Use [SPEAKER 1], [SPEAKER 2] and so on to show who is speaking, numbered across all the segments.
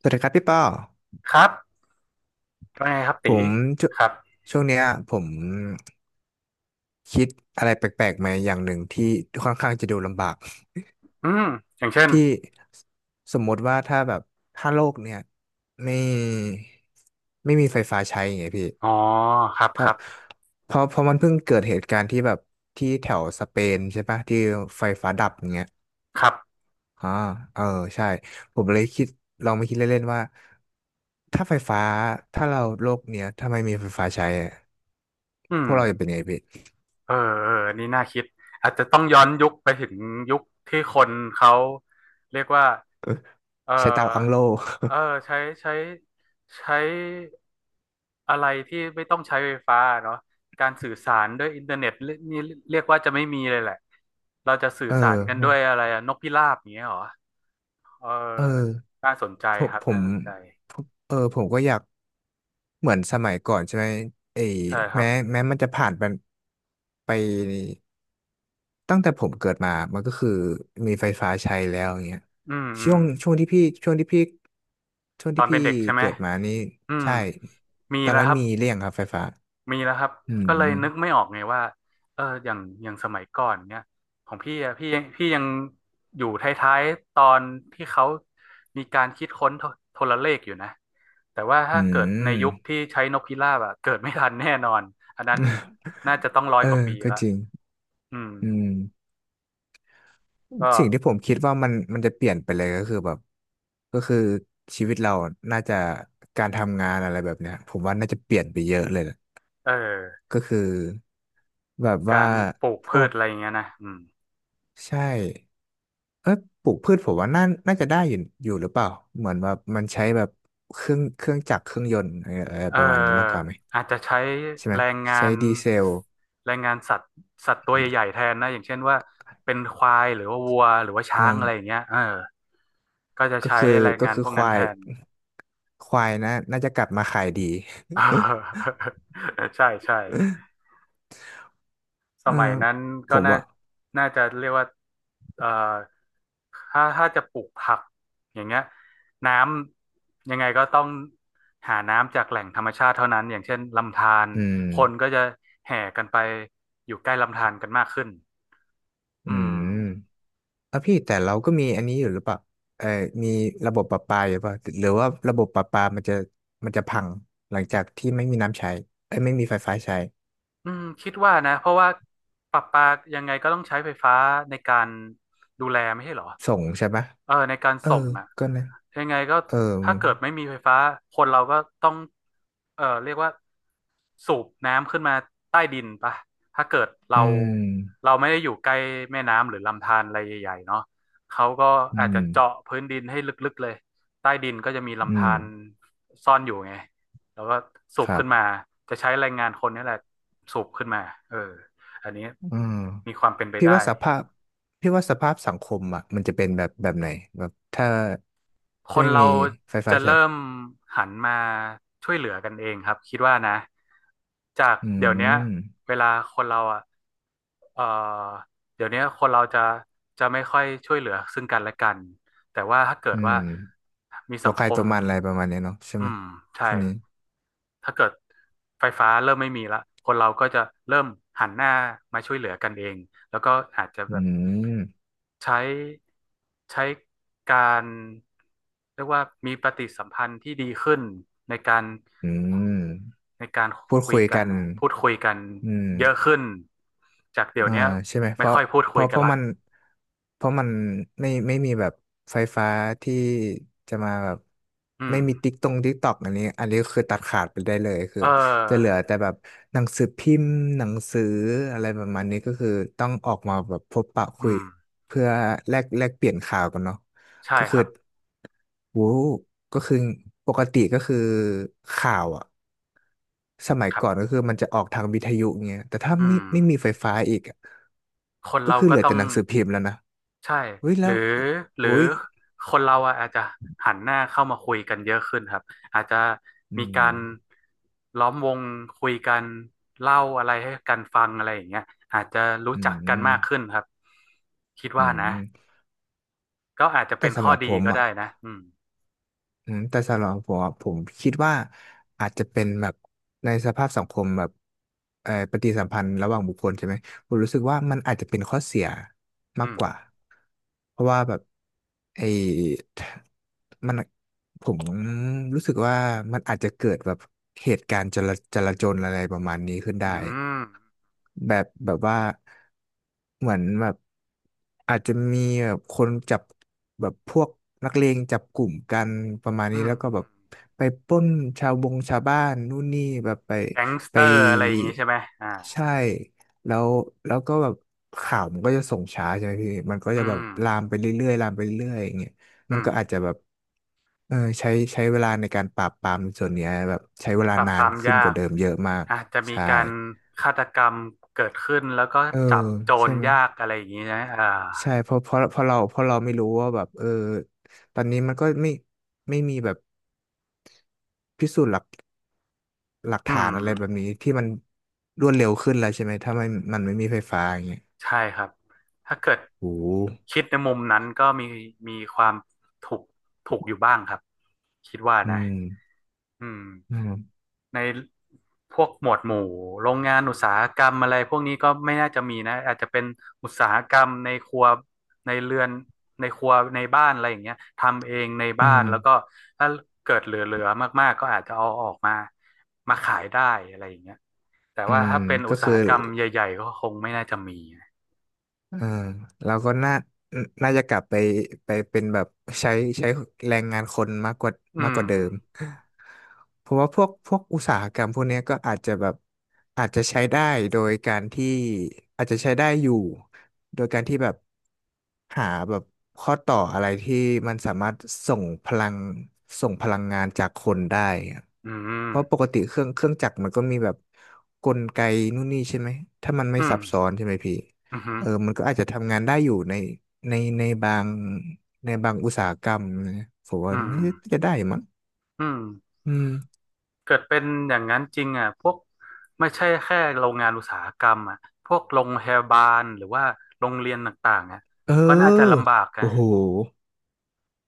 [SPEAKER 1] สวัสดีครับพี่ป้อ
[SPEAKER 2] ครับว่าไงครับ
[SPEAKER 1] ผ
[SPEAKER 2] ตี
[SPEAKER 1] มช
[SPEAKER 2] ครับ
[SPEAKER 1] ช่วงเนี้ยผมคิดอะไรแปลกๆมาอย่างหนึ่งที่ค่อนข้างจะดูลำบาก
[SPEAKER 2] อืมอย่างเช่น
[SPEAKER 1] พี่สมมติว่าถ้าแบบถ้าโลกเนี่ยไม่ไม่มีไฟฟ้าใช้อย่างเงี้ยพี่
[SPEAKER 2] อ๋อครับค
[SPEAKER 1] ถ้า
[SPEAKER 2] รับ
[SPEAKER 1] เพราะมันเพิ่งเกิดเหตุการณ์ที่แบบที่แถวสเปนใช่ปะที่ไฟฟ้าดับอย่างเงี้ย
[SPEAKER 2] ครับ
[SPEAKER 1] อ่าเออใช่ผมเลยคิดลองมาคิดเล่นๆว่าถ้าไฟฟ้าถ้าเราโลกเนี้ยถ้าไม่มีไฟฟ้าใช้อะ
[SPEAKER 2] อื
[SPEAKER 1] พ
[SPEAKER 2] ม
[SPEAKER 1] วกเราจะเป็นไงพี่
[SPEAKER 2] เออเออนี่น่าคิดอาจจะต้องย้อนยุคไปถึงยุคที่คนเขาเรียกว่าเออ
[SPEAKER 1] ใช้เตาอังโล
[SPEAKER 2] เออใช้ใช้ใช้อะไรที่ไม่ต้องใช้ไฟฟ้าเนาะการสื่อสารด้วยอินเทอร์เน็ตเรียกนี่เรียกว่าจะไม่มีเลยแหละเราจะ สื่อ
[SPEAKER 1] เออ
[SPEAKER 2] สารกัน
[SPEAKER 1] มั
[SPEAKER 2] ด้
[SPEAKER 1] น
[SPEAKER 2] วยอะไรอะนกพิราบอย่างเงี้ยเหรอเออ
[SPEAKER 1] เออ
[SPEAKER 2] น่าสนใจ
[SPEAKER 1] ผม
[SPEAKER 2] ครับ
[SPEAKER 1] ผ
[SPEAKER 2] น่า
[SPEAKER 1] ม
[SPEAKER 2] สนใจ
[SPEAKER 1] เออ ผมก็อยากเหมือนสมัยก่อนใช่ไหมไอ้
[SPEAKER 2] ใช่ครับ
[SPEAKER 1] แม้แม้มันจะผ่านไปไปตั้งแต่ผมเกิดมา มันก็คือมีไฟฟ้าใช้แล้วอย่างเงี้ย
[SPEAKER 2] อืมอื
[SPEAKER 1] ช่
[SPEAKER 2] ม
[SPEAKER 1] วงช่วงที่พี่ช่วงที่พี่ช่วง
[SPEAKER 2] ตอ
[SPEAKER 1] ที่
[SPEAKER 2] นเป็น
[SPEAKER 1] พี่
[SPEAKER 2] เด็กใช่ไหม
[SPEAKER 1] เกิดมานี่
[SPEAKER 2] อืม
[SPEAKER 1] ใช่
[SPEAKER 2] มี
[SPEAKER 1] ตอน
[SPEAKER 2] แล้ว
[SPEAKER 1] นั้
[SPEAKER 2] ค
[SPEAKER 1] น
[SPEAKER 2] รับ
[SPEAKER 1] มีเรี่ยงครับไฟฟ้า
[SPEAKER 2] มีแล้วครับ
[SPEAKER 1] อื
[SPEAKER 2] ก็เลย
[SPEAKER 1] ม
[SPEAKER 2] นึกไม่ออกไงว่าอย่างสมัยก่อนเนี่ยของพี่อะพี่พี่ยังอยู่ท้ายๆตอนที่เขามีการคิดค้นโทรเลขอยู่นะแต่ว่าถ้า
[SPEAKER 1] อื
[SPEAKER 2] เกิดใน
[SPEAKER 1] ม
[SPEAKER 2] ยุคที่ใช้นกพิราบอะเกิดไม่ทันแน่นอนอันนั้นน่าจะต้องร้อ ย
[SPEAKER 1] เออ
[SPEAKER 2] กว่าปี
[SPEAKER 1] ก็
[SPEAKER 2] ละ
[SPEAKER 1] จริง
[SPEAKER 2] อืม
[SPEAKER 1] อืม
[SPEAKER 2] ก็
[SPEAKER 1] สิ่งที่ผมคิดว่ามันจะเปลี่ยนไปเลยก็คือแบบก็คือชีวิตเราน่าจะการทำงานอะไรแบบเนี้ยผมว่าน่าจะเปลี่ยนไปเยอะเลยนะ
[SPEAKER 2] เออ
[SPEAKER 1] ก็คือแบบ
[SPEAKER 2] กา
[SPEAKER 1] ว่า
[SPEAKER 2] รปลูก
[SPEAKER 1] พ
[SPEAKER 2] พื
[SPEAKER 1] ว
[SPEAKER 2] ช
[SPEAKER 1] ก
[SPEAKER 2] อะไรอย่างเงี้ยนะอืม
[SPEAKER 1] ใช่เอ้ยปลูกพืชผมว่าน่าจะได้อยู่อยู่หรือเปล่าเหมือนแบบมันใช้แบบเครื่องจักรเครื่องยนต์อะไรอะไร
[SPEAKER 2] เอ่อ
[SPEAKER 1] ประมาณนี้มากกว่าไหม
[SPEAKER 2] อาจจะใช้
[SPEAKER 1] ใช่ไหม
[SPEAKER 2] แรงงา
[SPEAKER 1] ใช้
[SPEAKER 2] น
[SPEAKER 1] ดีเซล
[SPEAKER 2] สัตว์สัตว์ตัวใหญ่ๆแทนนะอย่างเช่นว่าเป็นควายหรือว่าวัวหรือว่า
[SPEAKER 1] เออ
[SPEAKER 2] ช้างอะไรอย่างเงี้ยเออก็จะ
[SPEAKER 1] ก็
[SPEAKER 2] ใช้
[SPEAKER 1] คือ
[SPEAKER 2] แรง
[SPEAKER 1] ก็
[SPEAKER 2] งาน
[SPEAKER 1] คือ
[SPEAKER 2] พวก
[SPEAKER 1] ค
[SPEAKER 2] นั้น
[SPEAKER 1] วา
[SPEAKER 2] แท
[SPEAKER 1] ย
[SPEAKER 2] น
[SPEAKER 1] ควายนะน่าจะกลับมาขายดี
[SPEAKER 2] ใช่ใช่ ส
[SPEAKER 1] เออ
[SPEAKER 2] มัยนั้น
[SPEAKER 1] ผ
[SPEAKER 2] ก็
[SPEAKER 1] ม
[SPEAKER 2] น่า
[SPEAKER 1] ว่า
[SPEAKER 2] น่าจะเรียกว่าเอ่อถ้าจะปลูกผักอย่างเงี้ยน้ำยังไงก็ต้องหาน้ำจากแหล่งธรรมชาติเท่านั้นอย่างเช่นลำธาร
[SPEAKER 1] อืม
[SPEAKER 2] คนก็จะแห่กันไปอยู่ใกล้ลำธารกันมากขึ้นอื
[SPEAKER 1] อื
[SPEAKER 2] ม
[SPEAKER 1] มแล้วพี่แต่เราก็มีอันนี้อยู่หรือเปล่า เออมีระบบประปาอยู่เปล่าหรือว่าระบบประปามันจะพังหลังจากที่ไม่มีน้ำใช้เอ้ยไม่มีไฟฟ้าใช้
[SPEAKER 2] อืมคิดว่านะเพราะว่าประปายังไงก็ต้องใช้ไฟฟ้าในการดูแลไม่ใช่เหรอ
[SPEAKER 1] ส่งใช่ปะ
[SPEAKER 2] เออในการ
[SPEAKER 1] เออ
[SPEAKER 2] ส่งอ่ะ
[SPEAKER 1] ก็นะ
[SPEAKER 2] ยังไงก็
[SPEAKER 1] เออ
[SPEAKER 2] ถ้าเกิดไม่มีไฟฟ้าคนเราก็ต้องเรียกว่าสูบน้ำขึ้นมาใต้ดินปะถ้าเกิด
[SPEAKER 1] อืม
[SPEAKER 2] เราไม่ได้อยู่ใกล้แม่น้ำหรือลำธารอะไรใหญ่ๆเนาะเขาก็
[SPEAKER 1] อื
[SPEAKER 2] อาจ
[SPEAKER 1] ม
[SPEAKER 2] จะเจาะพื้นดินให้ลึกๆเลยใต้ดินก็จะมี
[SPEAKER 1] อื
[SPEAKER 2] ลำ
[SPEAKER 1] ม
[SPEAKER 2] ธารซ่อนอยู่ไงแล้วก็สู
[SPEAKER 1] ค
[SPEAKER 2] บ
[SPEAKER 1] รั
[SPEAKER 2] ขึ้
[SPEAKER 1] บ
[SPEAKER 2] นมาจะใช้แรงงานคนนี่แหละสูบขึ้นมาเอออันนี้
[SPEAKER 1] อืม
[SPEAKER 2] มีความเป็นไป
[SPEAKER 1] พี่
[SPEAKER 2] ได้
[SPEAKER 1] ว่าสภาพพี่ว่าสภาพสังคมอ่ะมันจะเป็นแบบแบบไหนแบบถ้า
[SPEAKER 2] ค
[SPEAKER 1] ไม่
[SPEAKER 2] นเรา
[SPEAKER 1] มีไฟ
[SPEAKER 2] จะ
[SPEAKER 1] ฟ้าใช้
[SPEAKER 2] เริ่มหันมาช่วยเหลือกันเองครับคิดว่านะจาก
[SPEAKER 1] อื
[SPEAKER 2] เดี๋ยวเนี้ย
[SPEAKER 1] ม
[SPEAKER 2] เวลาคนเราอ่ะเอ่อเดี๋ยวเนี้ยคนเราจะไม่ค่อยช่วยเหลือซึ่งกันและกันแต่ว่าถ้าเกิ
[SPEAKER 1] อื
[SPEAKER 2] ดว่า
[SPEAKER 1] ม
[SPEAKER 2] มี
[SPEAKER 1] ตั
[SPEAKER 2] สั
[SPEAKER 1] ว
[SPEAKER 2] ง
[SPEAKER 1] ใค
[SPEAKER 2] ค
[SPEAKER 1] รตั
[SPEAKER 2] ม
[SPEAKER 1] วมันอะไรประมาณเนี้ยเนาะใช่ไหม
[SPEAKER 2] อืมใช่
[SPEAKER 1] ช่วงนี้
[SPEAKER 2] ถ้าเกิดไฟฟ้าเริ่มไม่มีละคนเราก็จะเริ่มหันหน้ามาช่วยเหลือกันเองแล้วก็อาจจะ
[SPEAKER 1] อื
[SPEAKER 2] แบบ
[SPEAKER 1] ม
[SPEAKER 2] ใช้ใช้การเรียกว่ามีปฏิสัมพันธ์ที่ดีขึ้นในการ
[SPEAKER 1] อืม
[SPEAKER 2] ในการ
[SPEAKER 1] พูด
[SPEAKER 2] คุย
[SPEAKER 1] คุย
[SPEAKER 2] กัน
[SPEAKER 1] กัน
[SPEAKER 2] นะพูดคุยกัน
[SPEAKER 1] อืม
[SPEAKER 2] เยอะขึ้นจากเดี๋ยว
[SPEAKER 1] อ่า
[SPEAKER 2] เนี้ย
[SPEAKER 1] ใช่ไหม
[SPEAKER 2] ไม่ค่อยพูด
[SPEAKER 1] เพ
[SPEAKER 2] คุย
[SPEAKER 1] ราะเพ
[SPEAKER 2] กัน
[SPEAKER 1] ราะ
[SPEAKER 2] ละ
[SPEAKER 1] มันเพราะมันไม่มีแบบไฟฟ้าที่จะมาแบบ
[SPEAKER 2] อื
[SPEAKER 1] ไม่
[SPEAKER 2] ม
[SPEAKER 1] มีติ๊กตรงติ๊กตอกอันนี้คือตัดขาดไปได้เลยคือ
[SPEAKER 2] เอ
[SPEAKER 1] จะเหลื
[SPEAKER 2] อ
[SPEAKER 1] อแต่แบบหนังสือพิมพ์หนังสืออะไรประมาณนี้ก็คือต้องออกมาแบบพบปะคุ
[SPEAKER 2] อื
[SPEAKER 1] ย
[SPEAKER 2] ม
[SPEAKER 1] เพื่อแลกเปลี่ยนข่าวกันเนาะ
[SPEAKER 2] ใช่
[SPEAKER 1] ก็
[SPEAKER 2] ค
[SPEAKER 1] คือ
[SPEAKER 2] รับ
[SPEAKER 1] โว้ก็คือปกติก็คือข่าวอ่ะสมัย
[SPEAKER 2] ครั
[SPEAKER 1] ก่อน
[SPEAKER 2] บ
[SPEAKER 1] ก็คือมันจะออกทางวิทยุเงี้ยแต่ถ้า
[SPEAKER 2] อืม
[SPEAKER 1] ไม่มีไฟฟ้าอีกอะ
[SPEAKER 2] คน
[SPEAKER 1] ก็
[SPEAKER 2] เรา
[SPEAKER 1] คือ
[SPEAKER 2] ก็
[SPEAKER 1] เหลือ
[SPEAKER 2] ต้อ
[SPEAKER 1] แต่
[SPEAKER 2] ง
[SPEAKER 1] หนังสือพิมพ์แล้วนะ
[SPEAKER 2] ใช่
[SPEAKER 1] เฮ้ย
[SPEAKER 2] ห
[SPEAKER 1] แล้
[SPEAKER 2] รือ
[SPEAKER 1] ว
[SPEAKER 2] หรือ
[SPEAKER 1] โอ้ย
[SPEAKER 2] คนเราอะอาจจะหันหน้าเข้ามาคุยกันเยอะขึ้นครับอาจจะ
[SPEAKER 1] อื
[SPEAKER 2] มีกา
[SPEAKER 1] ม
[SPEAKER 2] รล้อมวงคุยกันเล่าอะไรให้กันฟังอะไรอย่างเงี้ยอาจจะรู้
[SPEAKER 1] อื
[SPEAKER 2] จักกัน
[SPEAKER 1] ม
[SPEAKER 2] มากขึ้นครับคิด
[SPEAKER 1] อื
[SPEAKER 2] ว่านะ
[SPEAKER 1] ม
[SPEAKER 2] ก็อาจจะ
[SPEAKER 1] แต่
[SPEAKER 2] เป็น
[SPEAKER 1] สำ
[SPEAKER 2] ข้อ
[SPEAKER 1] หรับผ
[SPEAKER 2] ดี
[SPEAKER 1] ม
[SPEAKER 2] ก็ได้นะ
[SPEAKER 1] อ่ะ
[SPEAKER 2] อืม
[SPEAKER 1] อืมแต่สำหรับผมอะผมคิดว่าอาจจะเป็นแบบในสภาพสังคมแบบเอ่อปฏิสัมพันธ์ระหว่างบุคคลใช่ไหมผมรู้สึกว่ามันอาจจะเป็นข้อเสียมาก
[SPEAKER 2] อืม
[SPEAKER 1] กว่าเพราะว่าแบบไอ้มันผมรู้สึกว่ามันอาจจะเกิดแบบเหตุการณ์จลาจลาจลอะไรประมาณนี้ขึ้นได้
[SPEAKER 2] อืม
[SPEAKER 1] แบบแบบว่าเหมือนแบบอาจจะมีแบบคนจับแบบพวกนักเลงจับกลุ่มกันประมาณนี้
[SPEAKER 2] อืม
[SPEAKER 1] แล้วก็แบบไปปล้นชาวบงชาวบ้านนู่นนี่แบบ
[SPEAKER 2] แก๊งสเต
[SPEAKER 1] ไป
[SPEAKER 2] อร์อะไรอย่างงี้ใช่ไหมอ่า
[SPEAKER 1] ใช่แล้วแล้วก็แบบข่าวมันก็จะส่งช้าใช่ไหมพี่มันก็
[SPEAKER 2] อื
[SPEAKER 1] จะแบบ
[SPEAKER 2] ม
[SPEAKER 1] ลามไปเรื่อยๆลามไปเรื่อยๆอย่างเงี้ย
[SPEAKER 2] อื
[SPEAKER 1] มัน
[SPEAKER 2] ม
[SPEAKER 1] ก็อาจจะแบบเออใช้เวลาในการปราบปรามในส่วนเนี้ยแบบใช้เวลา
[SPEAKER 2] ปราบ
[SPEAKER 1] นา
[SPEAKER 2] ป
[SPEAKER 1] น
[SPEAKER 2] ราม
[SPEAKER 1] ขึ้นก
[SPEAKER 2] ยา
[SPEAKER 1] ว่า
[SPEAKER 2] ก
[SPEAKER 1] เดิมเยอะมาก
[SPEAKER 2] อาจจะมี
[SPEAKER 1] ใช่
[SPEAKER 2] การฆาตกรรมเกิดขึ้นแล้วก็
[SPEAKER 1] เออ
[SPEAKER 2] จับโจร
[SPEAKER 1] ใช่ไหม
[SPEAKER 2] ยากอะไรอย่างนี้นะอ่า
[SPEAKER 1] ใช่เพราะเราไม่รู้ว่าแบบเออตอนนี้มันก็ไม่ไม่มีแบบพิสูจน์หลัก
[SPEAKER 2] อื
[SPEAKER 1] ฐา
[SPEAKER 2] ม
[SPEAKER 1] นอะไรแบบนี้ที่มันรวดเร็วขึ้นแล้วใช่ไหมถ้ามันไม่มีไฟฟ้าอย่างเงี้ย
[SPEAKER 2] ใช่ครับถ้าเกิด
[SPEAKER 1] โอ้โห
[SPEAKER 2] คิดในมุมนั้นก็มีมีความถูกถูกอยู่บ้างครับคิดว่า
[SPEAKER 1] อื
[SPEAKER 2] นะ
[SPEAKER 1] ม
[SPEAKER 2] อืม
[SPEAKER 1] อืม
[SPEAKER 2] ในพวกหมวดหมู่โรงงานอุตสาหกรรมอะไรพวกนี้ก็ไม่น่าจะมีนะอาจจะเป็นอุตสาหกรรมในครัวในเรือนในครัวในบ้านอะไรอย่างเงี้ยทำเองใน
[SPEAKER 1] อื
[SPEAKER 2] บ้าน
[SPEAKER 1] ม
[SPEAKER 2] แล้วก็ถ้าเกิดเหลือๆมากๆก็อาจจะเอาออกมามาขายได้อะไรอย่างเงี้ยแต่
[SPEAKER 1] อื
[SPEAKER 2] ว่า
[SPEAKER 1] ม
[SPEAKER 2] ถ้าเป็นอุ
[SPEAKER 1] ก็
[SPEAKER 2] ตสา
[SPEAKER 1] คือ
[SPEAKER 2] หกรรมใหญ่ๆก็คงไม่น่าจะมีนะ
[SPEAKER 1] อ่าเราก็น่าจะกลับไปไปเป็นแบบใช้ใช้แรงงานคนมากกว่า
[SPEAKER 2] อื
[SPEAKER 1] มากก
[SPEAKER 2] ม
[SPEAKER 1] ว่าเดิมเพราะว่าพวกอุตสาหกรรมพวกเนี้ยก็อาจจะแบบอาจจะใช้ได้โดยการที่อาจจะใช้ได้อยู่โดยการที่แบบหาแบบข้อต่ออะไรที่มันสามารถส่งพลังส่งพลังงานจากคนได้อะ
[SPEAKER 2] อืม
[SPEAKER 1] เพราะปกติเครื่องจักรมันก็มีแบบกลไกนู่นนี่ใช่ไหมถ้ามันไม่
[SPEAKER 2] อื
[SPEAKER 1] ซั
[SPEAKER 2] ม
[SPEAKER 1] บซ้อนใช่ไหมพี่
[SPEAKER 2] อื
[SPEAKER 1] เออ
[SPEAKER 2] ม
[SPEAKER 1] มันก็อาจจะทำงานได้อยู่ในในในบางในบางอุตสาหกรรมนะผมว่า
[SPEAKER 2] อืม
[SPEAKER 1] น่าจะได้มั้ง
[SPEAKER 2] อืม
[SPEAKER 1] อืม
[SPEAKER 2] เกิดเป็นอย่างนั้นจริงอ่ะพวกไม่ใช่แค่โรงงานอุตสาหกรรมอ่ะพวกโรงพยาบาลหรือว่าโรงเรียนต่างๆอ่ะ
[SPEAKER 1] เอ
[SPEAKER 2] ก็น่าจะ
[SPEAKER 1] อ
[SPEAKER 2] ลำบากนะ
[SPEAKER 1] โอ้โห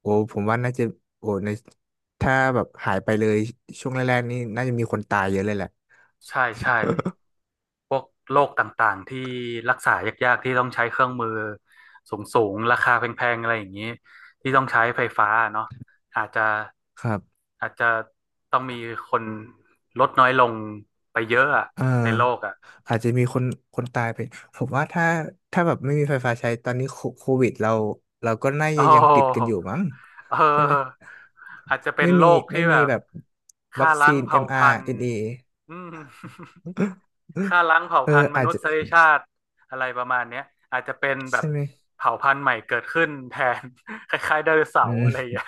[SPEAKER 1] โอ้ผมว่าน่าจะโอ้ในถ้าแบบหายไปเลยช่วงแรกๆนี่น่าจะมีคนตายเยอะเลยแหละ
[SPEAKER 2] ใช่ใช่พวกโรคต่างๆที่รักษายากๆที่ต้องใช้เครื่องมือสูงๆราคาแพงๆอะไรอย่างนี้ที่ต้องใช้ไฟฟ้าเนาะอาจจะ
[SPEAKER 1] ครับ
[SPEAKER 2] อาจจะต้องมีคนลดน้อยลงไปเยอะอะ
[SPEAKER 1] เออ
[SPEAKER 2] ในโลกอ่ะ
[SPEAKER 1] อาจจะมีคนตายไป ผมว่าถ้าถ้าแบบไม่มีไฟฟ้าใช้ตอนนี้โคโควิดเราเราก็น่า
[SPEAKER 2] โอ
[SPEAKER 1] จะยังติดกันอ
[SPEAKER 2] ้
[SPEAKER 1] ยู่มั้ง
[SPEAKER 2] เอ
[SPEAKER 1] ใช่ไหม
[SPEAKER 2] ออาจจะเป็น
[SPEAKER 1] ไม่
[SPEAKER 2] โร
[SPEAKER 1] มี
[SPEAKER 2] คที่
[SPEAKER 1] ไม่
[SPEAKER 2] แบ
[SPEAKER 1] มี
[SPEAKER 2] บ
[SPEAKER 1] แบบวั
[SPEAKER 2] ฆ่า
[SPEAKER 1] ค
[SPEAKER 2] ล้า
[SPEAKER 1] ซี
[SPEAKER 2] ง
[SPEAKER 1] น
[SPEAKER 2] เผ่าพันธุ์
[SPEAKER 1] mRNA
[SPEAKER 2] อืม ฆ่าล้างเผ่า
[SPEAKER 1] เอ
[SPEAKER 2] พัน
[SPEAKER 1] อ
[SPEAKER 2] ธุ์ม
[SPEAKER 1] อาจ
[SPEAKER 2] นุ
[SPEAKER 1] จะ
[SPEAKER 2] ษยชาติอะไรประมาณเนี้ยอาจจะเป็นแบบ
[SPEAKER 1] ใช่ไหม
[SPEAKER 2] เผ่าพันธุ์ใหม่เกิดขึ้นแทน คล้ายๆไดโนเสา
[SPEAKER 1] อื
[SPEAKER 2] ร์อะ
[SPEAKER 1] ม
[SPEAKER 2] ไรอย่างเงี้ย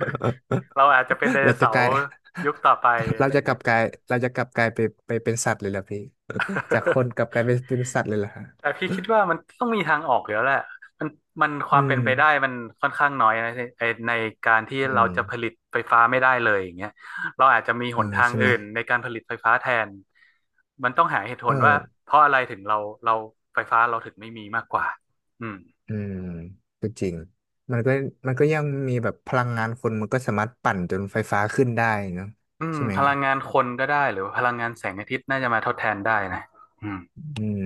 [SPEAKER 2] เราอาจจะเป็นไดโน
[SPEAKER 1] เราจะ
[SPEAKER 2] เสา
[SPEAKER 1] กลา
[SPEAKER 2] ร์
[SPEAKER 1] ย
[SPEAKER 2] ยุคต่อไป อะ
[SPEAKER 1] เรา
[SPEAKER 2] ไรอ
[SPEAKER 1] จะ
[SPEAKER 2] ย่าง
[SPEAKER 1] กลั
[SPEAKER 2] เงี้
[SPEAKER 1] บ
[SPEAKER 2] ย
[SPEAKER 1] กลายเราจะกลับกลายไปเป็นสัตว์เลยเหรอพี่ จากคนก ลับกลายไปเป็นสัตว์เลยเหรอฮะ
[SPEAKER 2] แต่พี่คิดว่ามันต้องมีทางออกอยู่แล้วแหละมันมันค
[SPEAKER 1] อื
[SPEAKER 2] วามเป็น
[SPEAKER 1] ม
[SPEAKER 2] ไปได้มันค่อนข้างน้อยนะไอ้ในการที่
[SPEAKER 1] อื
[SPEAKER 2] เรา
[SPEAKER 1] ม
[SPEAKER 2] จะผลิตไฟฟ้าไม่ได้เลยอย่างเงี้ยเราอาจจะมี
[SPEAKER 1] เอ
[SPEAKER 2] ห
[SPEAKER 1] อ
[SPEAKER 2] นทาง
[SPEAKER 1] ใช่ไห
[SPEAKER 2] อื่
[SPEAKER 1] ม
[SPEAKER 2] นในการผลิตไฟฟ้าแทนมันต้องหาเหตุผ
[SPEAKER 1] เออ
[SPEAKER 2] ลว่าเพราะอะไรถึงเราไฟฟ้าเราถึงไม่มีมากกว่าอืม
[SPEAKER 1] อืมก็จริงมันก็มันก็ยังมีแบบพลังงานคนมันก็สามารถปั่นจนไฟฟ้าขึ้นได้เนอะ
[SPEAKER 2] อืม
[SPEAKER 1] ใช่ไหม
[SPEAKER 2] พลังงานคนก็ได้หรือว่าพลังงานแสงอาทิตย์น่าจะมาทดแทนได้นะอืม
[SPEAKER 1] อืม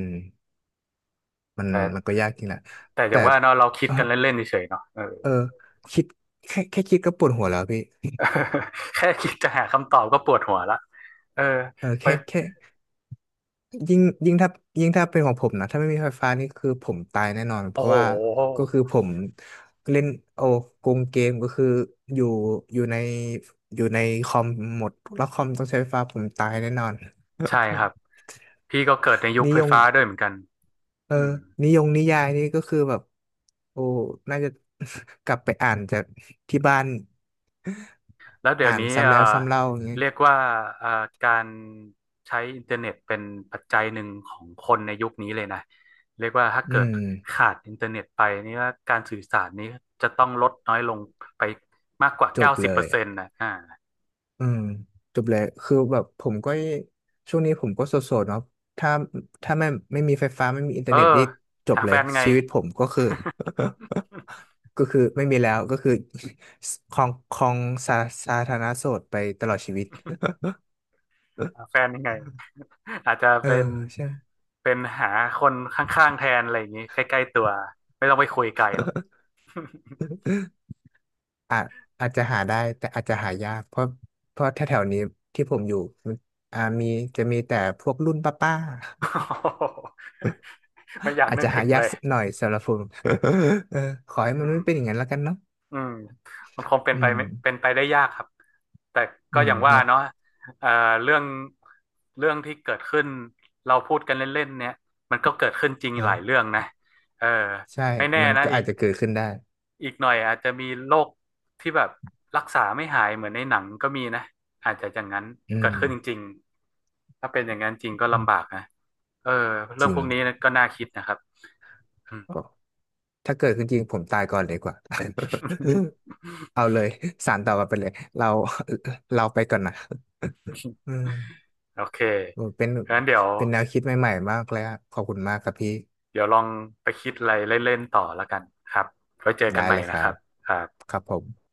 [SPEAKER 1] มัน
[SPEAKER 2] แต่
[SPEAKER 1] มันก็ยากจริงแหละ
[SPEAKER 2] อ
[SPEAKER 1] แต่
[SPEAKER 2] ย่างว่าเนาะเรา คิด
[SPEAKER 1] เออ
[SPEAKER 2] กันเล่นๆเฉยๆเนาะเออ
[SPEAKER 1] เออคิดแค่คิดก็ปวดหัวแล้วพี่
[SPEAKER 2] แค่คิดจะหาคำตอบก็ปวดหัวละเออ
[SPEAKER 1] เออ
[SPEAKER 2] ไฟ
[SPEAKER 1] แค่ยิ่งถ้ายิ่งถ้าเป็นของผมนะถ้าไม่มีไฟฟ้านี่คือผมตายแน่นอนเพ
[SPEAKER 2] โอ้โห
[SPEAKER 1] ราะว่าก็คือผมเล่นโอ้โกงเกมก็คืออยู่อยู่ในอยู่ในคอมหมดแล้วคอมต้องใช้ไฟฟ้าผมตายแน่นอน
[SPEAKER 2] ใช่ครับพี่ก็เกิดในยุ ค
[SPEAKER 1] นิ
[SPEAKER 2] ไฟ
[SPEAKER 1] ยม
[SPEAKER 2] ฟ้าด้วยเหมือนกัน
[SPEAKER 1] เออ
[SPEAKER 2] อืม
[SPEAKER 1] นิยนิยายนี่ก็คือแบบโอ้น่าจะ กลับไปอ่านจากที่บ้าน
[SPEAKER 2] แล้วเดี๋ยว
[SPEAKER 1] อ่าน
[SPEAKER 2] นี้
[SPEAKER 1] ซ้ำแล้วซ้ำเล่าอย่างเงี้ย
[SPEAKER 2] เรียกว่าเอ่อการใช้อินเทอร์เน็ตเป็นปัจจัยหนึ่งของคนในยุคนี้เลยนะเรียกว่าถ้า
[SPEAKER 1] อื
[SPEAKER 2] เกิด
[SPEAKER 1] ม
[SPEAKER 2] ขาดอินเทอร์เน็ตไปนี่ว่าการสื่อสารนี้จะต้องลดน้อยลงไปมากกว่า
[SPEAKER 1] จ
[SPEAKER 2] เก้า
[SPEAKER 1] บ
[SPEAKER 2] สิบ
[SPEAKER 1] เล
[SPEAKER 2] เปอ
[SPEAKER 1] ย
[SPEAKER 2] ร์เซ็นต์นะอ่า
[SPEAKER 1] อืมจบเลยคือแบบผมก็ช่วงนี้ผมก็โสดๆเนาะถ้าถ้าไม่มีไฟฟ้าไม่มีอินเทอ
[SPEAKER 2] เออ
[SPEAKER 1] ร์เน็ตนี่จบ
[SPEAKER 2] หา
[SPEAKER 1] เล
[SPEAKER 2] แฟ
[SPEAKER 1] ย
[SPEAKER 2] นยังไง
[SPEAKER 1] ชีวิตผมก็คือ ก็คือไม่มีแล้วก็คือ คลองครองสาสาธารณโสดไปตลอดชีวิต
[SPEAKER 2] หาแฟนยังไงอาจจะ
[SPEAKER 1] เออ
[SPEAKER 2] เป็น
[SPEAKER 1] ใช่
[SPEAKER 2] หาคนข้างๆแทนอะไรอย่างนี้ใกล้ๆตัวไม่ต้องไปคุยไกลหรอก
[SPEAKER 1] อาจจะหาได้แต่อาจจะหายากเพราะแถวๆนี้ที่ผมอยู่มันมีจะมีแต่พวกรุ่นป้า ๆ
[SPEAKER 2] ไม่อยา ก
[SPEAKER 1] อาจ
[SPEAKER 2] นึก
[SPEAKER 1] จะหา
[SPEAKER 2] ถึง
[SPEAKER 1] ยา
[SPEAKER 2] เล
[SPEAKER 1] ก
[SPEAKER 2] ย
[SPEAKER 1] หน่อยสำหรับผม เออขอให้
[SPEAKER 2] อื
[SPEAKER 1] มัน
[SPEAKER 2] ม
[SPEAKER 1] ไม่เป็นอย่างนั้นแล้วกันเนาะ
[SPEAKER 2] อืมมันคงเป็น
[SPEAKER 1] อื
[SPEAKER 2] ไป
[SPEAKER 1] ม
[SPEAKER 2] ไม่เป็นไปได้ยากครับ แต่
[SPEAKER 1] อื
[SPEAKER 2] ก็อ
[SPEAKER 1] ม
[SPEAKER 2] ย่างว่า
[SPEAKER 1] เนาะ
[SPEAKER 2] เนาะเอ่อเรื่องที่เกิดขึ้นเราพูดกันเล่นๆเนี่ยมันก็เกิดขึ้นจริง
[SPEAKER 1] เอ
[SPEAKER 2] หลายเรื่
[SPEAKER 1] อ
[SPEAKER 2] องนะเออ
[SPEAKER 1] ใช่
[SPEAKER 2] ไม่แน่
[SPEAKER 1] มัน
[SPEAKER 2] นะ
[SPEAKER 1] ก็
[SPEAKER 2] อี
[SPEAKER 1] อาจ
[SPEAKER 2] ก
[SPEAKER 1] จะเกิดขึ้นได้
[SPEAKER 2] อีกหน่อยอาจจะมีโรคที่แบบรักษาไม่หายเหมือนในหนังก็มีนะอาจจะอย่างนั้น
[SPEAKER 1] อื
[SPEAKER 2] เกิด
[SPEAKER 1] ม
[SPEAKER 2] ขึ้นจริงๆ ถ้าเป็นอย่างนั้นจริงก็
[SPEAKER 1] อืม
[SPEAKER 2] ลำบากนะเออเรื่
[SPEAKER 1] จ
[SPEAKER 2] อง
[SPEAKER 1] ริ
[SPEAKER 2] พ
[SPEAKER 1] ง
[SPEAKER 2] วกนี้ก็น่าคิดนะครับอืม
[SPEAKER 1] ก็ถ้าเกิดขึ้นจริงผมตายก่อนเลยกว่า เอาเลยสารต่อกันไปเลยเรา เราไปก่อนนะ อืม
[SPEAKER 2] โอเค
[SPEAKER 1] โอ้เป็น
[SPEAKER 2] งั้นเดี๋ยว
[SPEAKER 1] แนวคิดใหม่ๆมากเลยอะขอบคุณมากครับพี่
[SPEAKER 2] ลองไปคิดอะไรเล่นๆต่อแล้วกันครับไว้เจอกัน
[SPEAKER 1] ได้
[SPEAKER 2] ใหม่
[SPEAKER 1] เลยค
[SPEAKER 2] นะ
[SPEAKER 1] รั
[SPEAKER 2] ครั
[SPEAKER 1] บ
[SPEAKER 2] บครับ
[SPEAKER 1] ครับผม